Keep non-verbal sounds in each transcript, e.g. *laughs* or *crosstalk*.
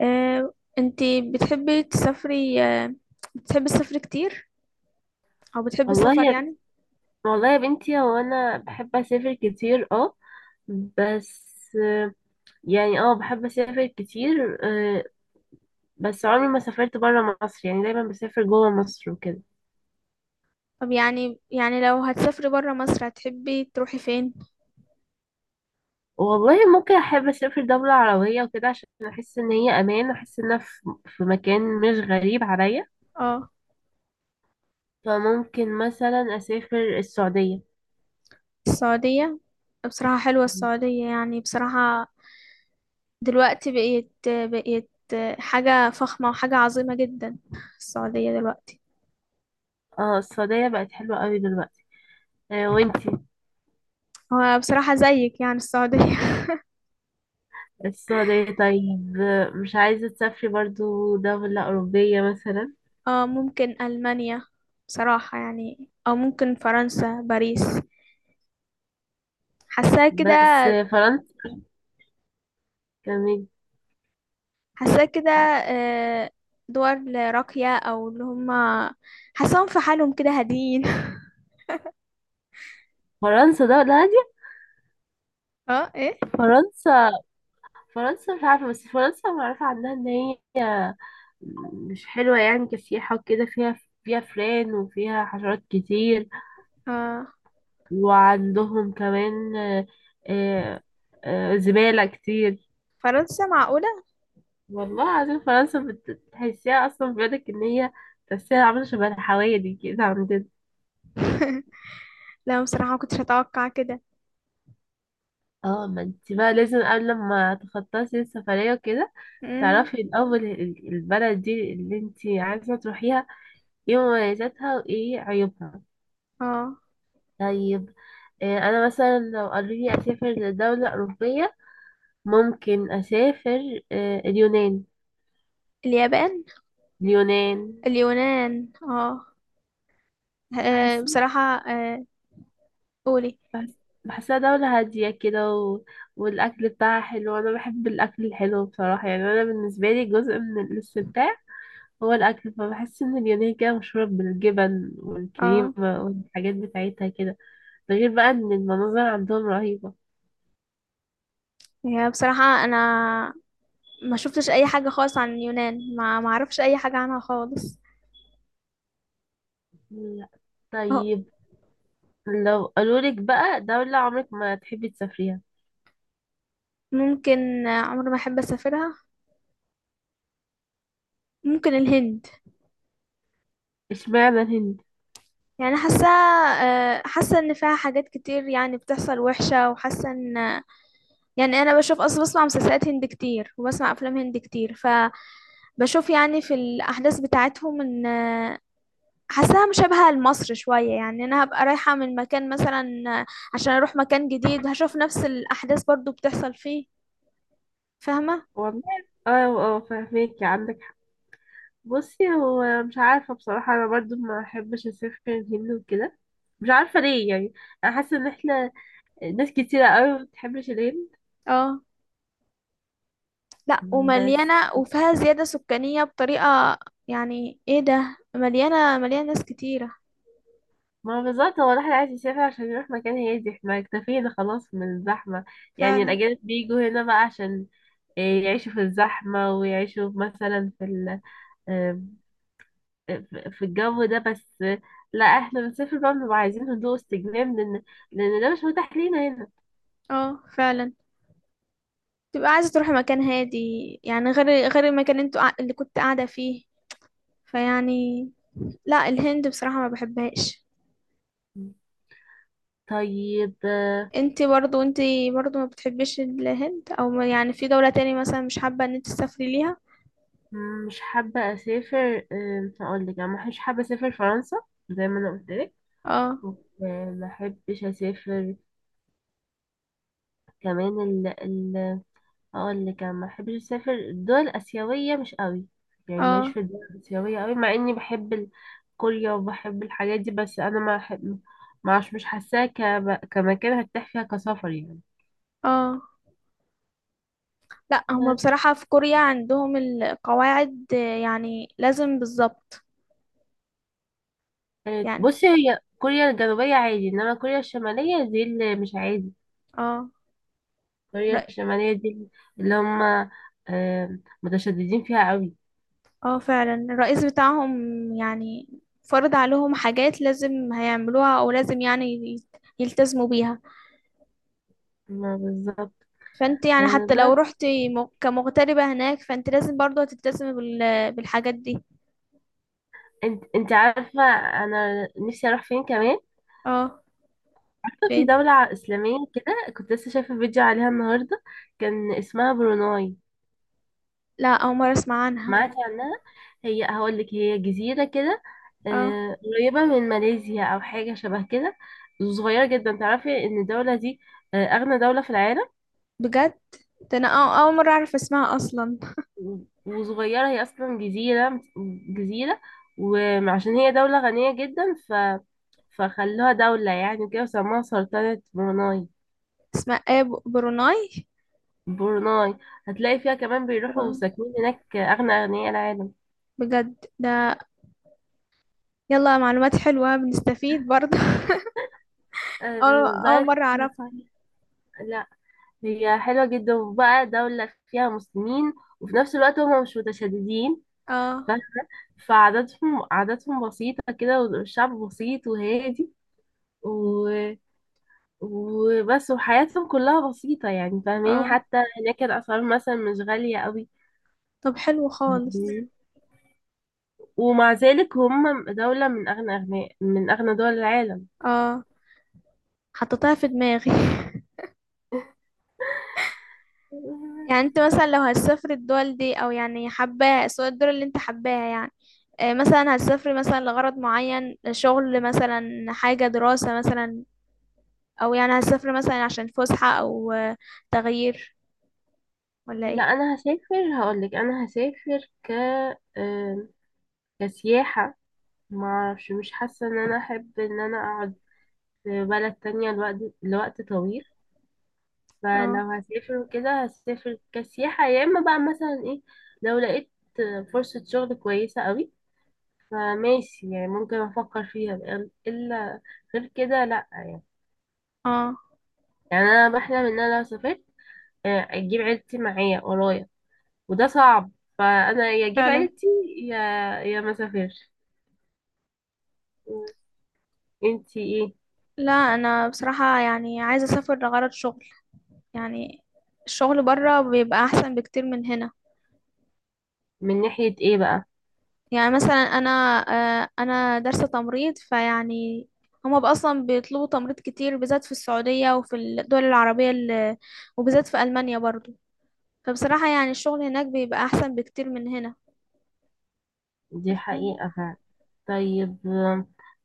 انتي بتحبي تسافري، بتحبي السفر كتير، او بتحبي والله السفر يا يعني؟ والله يا بنتي، هو انا بحب اسافر كتير اه. بس آه، يعني بحب اسافر كتير بس عمري ما سافرت برا مصر، يعني دايما بسافر جوا مصر وكده. طب يعني لو هتسافري برا مصر هتحبي تروحي فين؟ والله ممكن احب اسافر دولة عربية وكده عشان احس ان هي امان، واحس ان انا في مكان مش غريب عليا. اه، فممكن مثلا اسافر السعودية. السعودية. بصراحة حلوة السعودية، يعني بصراحة دلوقتي بقيت حاجة فخمة وحاجة عظيمة جدا. السعودية دلوقتي. اه السعودية بقت حلوة قوي دلوقتي وانتي؟ هو بصراحة زيك يعني السعودية. السعودية طيب، مش عايزة تسافري برضو دولة أوروبية مثلا؟ *laughs* اه، ممكن ألمانيا، بصراحة يعني، أو ممكن فرنسا، باريس. حاساها كده. بس فرنسا كمان. حاساها كده، دول راقية، أو اللي هما حاساهم في حالهم كده هاديين. فرنسا دولة هادية؟ *laughs* اه، ايه. فرنسا، فرنسا مش عارفة، بس فرنسا معروفة عنها إن هي مش حلوة يعني كسياحة وكده، فيها فئران وفيها حشرات كتير. اه، وعندهم كمان آه، زبالة كتير. فرنسا معقولة؟ والله العظيم فرنسا بتحسيها أصلا، بيقولك إن هي تحسيها عاملة شبه الحوايا دي كده عندنا. لا بصراحة، ما كنتش أتوقع كده. اه، ما انت بقى لازم قبل ما تخططي السفرية وكده امم تعرفي الأول البلد دي اللي انت عايزة تروحيها ايه مميزاتها وايه عيوبها. اه، طيب انا مثلا لو قالوا لي اسافر لدولة أوروبية، ممكن اسافر اليونان. اليابان. اليونان اليونان، اه. بحس بصراحة، قولي. بحس بحسها دولة هادية كده، و... والأكل بتاعها حلو، أنا بحب الأكل الحلو بصراحة. يعني أنا بالنسبة لي جزء من الاستمتاع هو الأكل، فبحس إن اليونان كده مشهورة بالجبن اه، والكريمة والحاجات بتاعتها كده. ده غير بقى إن المناظر عندهم رهيبة. هي بصراحة أنا ما شفتش أي حاجة خالص عن اليونان، ما أعرفش أي حاجة عنها خالص. لا. اه، طيب، لو قالولك بقى دولة عمرك ما تحبي تسافريها؟ ممكن، عمري ما أحب أسافرها. ممكن الهند. اشمعنى الهند؟ يعني حاسة، حاسة إن فيها حاجات كتير يعني بتحصل وحشة، وحاسة إن يعني أنا بشوف أصلا، بسمع مسلسلات هند كتير وبسمع أفلام هند كتير، ف بشوف يعني في الأحداث بتاعتهم إن حاساها مشابهة لمصر شوية، يعني أنا هبقى رايحة من مكان مثلا عشان أروح مكان جديد، هشوف نفس الأحداث برضو بتحصل فيه. فاهمة؟ والله، اه، اه فاهماكي عندك حق. بصي، هو مش عارفة بصراحة، أنا برضو ما أحبش أسافر الهند وكده، مش عارفة ليه يعني. أنا حاسة إن احنا ناس كتيرة أوي ما بتحبش الهند. اه، لأ، بس ومليانة وفيها زيادة سكانية بطريقة، يعني ايه ده، مليانة مليانة ناس كتيرة. ما بالظبط، هو الواحد عايز يسافر عشان يروح مكان هادي، احنا اكتفينا خلاص من الزحمة. يعني فعلا. الأجانب بيجوا هنا بقى عشان إيه، يعيشوا في الزحمة ويعيشوا مثلا في ال آم، في في الجو ده. بس لا، احنا بنسافر بقى بنبقى عايزين هدوء واستجمام، لأن ده مش متاح لينا هنا. اه فعلا، تبقى عايزة تروحي مكان هادي، يعني غير المكان اللي اللي كنت قاعدة فيه، فيعني، لأ الهند بصراحة ما بحبهاش. طيب انت برضو ما بتحبيش الهند، او ما- يعني في دولة تاني مثلا مش حابة ان انت تسافري ليها؟ مش حابة أسافر، أقول لك أنا مش حابة أسافر فرنسا زي ما أنا قلت لك. اه، ومحبش أسافر كمان، اقول لك انا ما بحبش اسافر الدول الاسيويه مش قوي. يعني ماليش اه، في الدول الاسيويه قوي، مع اني بحب كوريا وبحب الحاجات دي. بس انا ما أحب- ما عش- مش حاساها كمكان هرتاح فيها كسفر يعني. اه. لا، هما بس- بصراحة في كوريا عندهم القواعد، يعني لازم بالظبط، يعني بصي، هي كوريا الجنوبيه عادي، انما كوريا الشماليه دي اللي مش عادي. اه. كوريا رأ... الشماليه دي اللي هم متشددين فيها قوي. اه فعلا، الرئيس بتاعهم يعني فرض عليهم حاجات لازم هيعملوها، او لازم يعني يلتزموا بيها. ما بالظبط. فانت يعني حتى لو بس رحتي كمغتربة هناك، فانت لازم برضو هتلتزمي بالحاجات دي. انت عارفه، انا نفسي اروح فين كمان؟ اه، عارفة في فهمت. دولة إسلامية كده، كنت لسه شايفة فيديو عليها النهاردة، كان اسمها بروناي. لا، اول مره اسمع عنها. معاك عنها؟ هي هقولك، هي جزيرة كده اه، قريبة من ماليزيا أو حاجة شبه كده. صغيرة جدا. تعرفي إن الدولة دي أغنى دولة في العالم. بجد؟ ده انا اول مره اعرف اسمها اصلا. و- وصغيرة، هي أصلا جزيرة، جزيرة. وعشان هي دولة غنية جدا فخلوها دولة يعني كده وسموها سلطنة بروناي. اسمها ايه؟ بروناي. بروناي. هتلاقي فيها كمان بيروحوا بروناي. ساكنين هناك أغنى أغنياء العالم. بجد ده. يلا، معلومات حلوه، بنستفيد برضه *laughs* أه. اول بس مره اعرفها. لا، هي حلوة جدا، وبقى دولة فيها مسلمين، وفي نفس الوقت هم مش متشددين. اه، ف- فعاداتهم بسيطة كده، والشعب بسيط وهادي، و... وبس، وحياتهم كلها بسيطة يعني، فاهماني؟ اه. حتى هناك الأسعار مثلا مش غالية قوي. طب حلو خالص. ومع ذلك هم دولة من أغنى أغنياء، من أغنى دول العالم. اه، حطيتها في دماغي *laughs* يعني *laughs* انت مثلا لو هتسافر الدول دي، او يعني حباها، سواء الدول اللي انت حباها، يعني مثلا هتسافري مثلا لغرض معين، شغل مثلا، حاجة دراسة مثلا، او يعني هسافر مثلا عشان فسحة، او تغيير، ولا لا ايه؟ انا هسافر، هقولك انا هسافر ك آم، كسياحة. ما اعرفش، مش حاسة ان انا احب ان انا اقعد في بلد تانية لوقت طويل. اه، فلو هسافر وكده هسافر كسياحة، يا اما بقى مثلا ايه، لو لقيت فرصة شغل كويسة قوي فماشي يعني، ممكن افكر فيها بقى. الا غير كده لا يعني. اه يعني انا بحلم ان انا لو سافرت اجيب عيلتي معايا ورايا. وده صعب. فانا يا اجيب فعلا. عيلتي، يا ما اسافرش. انتي ايه؟ لا انا بصراحة يعني عايزة اسافر لغرض شغل، يعني الشغل برا بيبقى احسن بكتير من هنا. من ناحية ايه بقى؟ يعني مثلا انا، انا دارسة تمريض، فيعني هما بقى اصلا بيطلبوا تمريض كتير، بالذات في السعودية وفي الدول العربية، وبالذات في المانيا برضو. فبصراحة يعني الشغل هناك بيبقى احسن بكتير من دي هنا. حقيقة فعلا. طيب،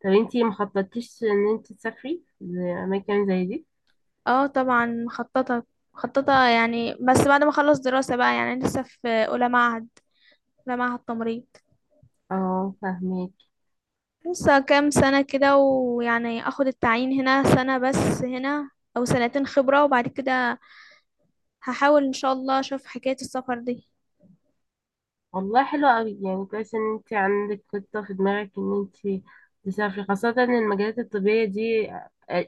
طب انتي مخططتيش ان انتي تسافري لأماكن زي دي؟ اه طبعا مخططة. مخططة يعني، بس بعد ما اخلص دراسة بقى، يعني لسه في اولى معهد، اولى معهد تمريض. اه فاهمك. لسه كام سنة كده، ويعني اخد التعيين هنا سنة بس هنا، او سنتين خبرة، وبعد كده هحاول ان شاء الله اشوف حكاية السفر دي. والله حلو قوي يعني، كويس ان انتي عندك خطة في دماغك ان انتي تسافري، خاصة ان المجالات الطبية دي.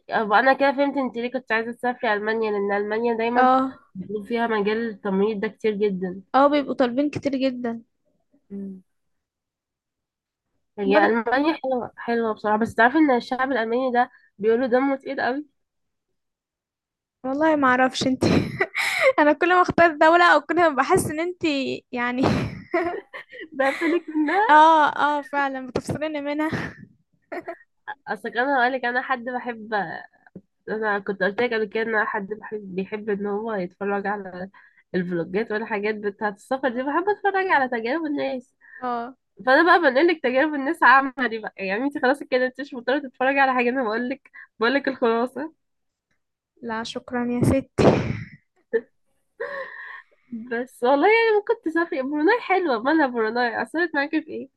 أبقى انا كده فهمت انتي ليه كنت عايزة تسافري ألمانيا، لان ألمانيا دايما اه. بيكون فيها مجال التمريض ده كتير جدا. اه، بيبقوا طالبين كتير جدا. هي برضه ألمانيا حلوة حلوة بصراحة، بس تعرفي إن الشعب الألماني ده بيقولوا دمه تقيل قوي. والله ما اعرفش انت *laughs* انا كل ما اختار دولة، او كل ما بحس ان انت، يعني. بقفلك منها. *laughs* اه، اه فعلا بتفصليني منها. أصل كان هقولك، أنا حد بحب، أنا كنت قلت لك قبل كده إن أنا حد بحب، بيحب إن هو يتفرج على الفلوجات والحاجات بتاعة السفر دي. بحب أتفرج على تجارب الناس. اه، فأنا بقى بنقلك تجارب الناس عملي بقى، يعني أنت خلاص كده أنت مش مضطرة تتفرجي على حاجة، أنا بقولك الخلاصة. لا شكرا يا ستي. بس والله يعني ممكن تسافري بروناي، حلوة مالها بروناي أثرت معاكي في إيه؟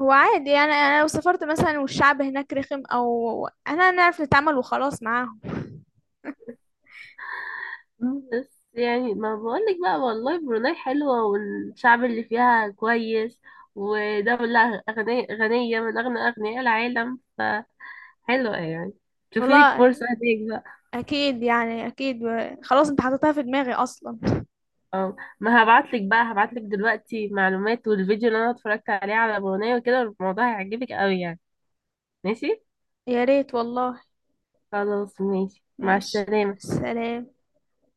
هو عادي، يعني انا لو سافرت مثلا والشعب هناك رخم، او انا نعرف نتعامل وخلاص معاهم. بس يعني ما بقولك بقى، والله بروناي حلوة، والشعب اللي فيها كويس، ودولة أغنية غنية من أغنى أغنياء العالم، فحلوة يعني. شوفي لك والله، فرصة هديك بقى. اكيد يعني اكيد، خلاص انت حطيتها في دماغي اصلا. اه ما هبعتلك بقى، هبعتلك دلوقتي معلومات والفيديو اللي أنا اتفرجت عليه على بروناي وكده، الموضوع هيعجبك قوي يعني. ماشي، يا ريت والله. خلاص ماشي مع ماشي. السلامة. سلام.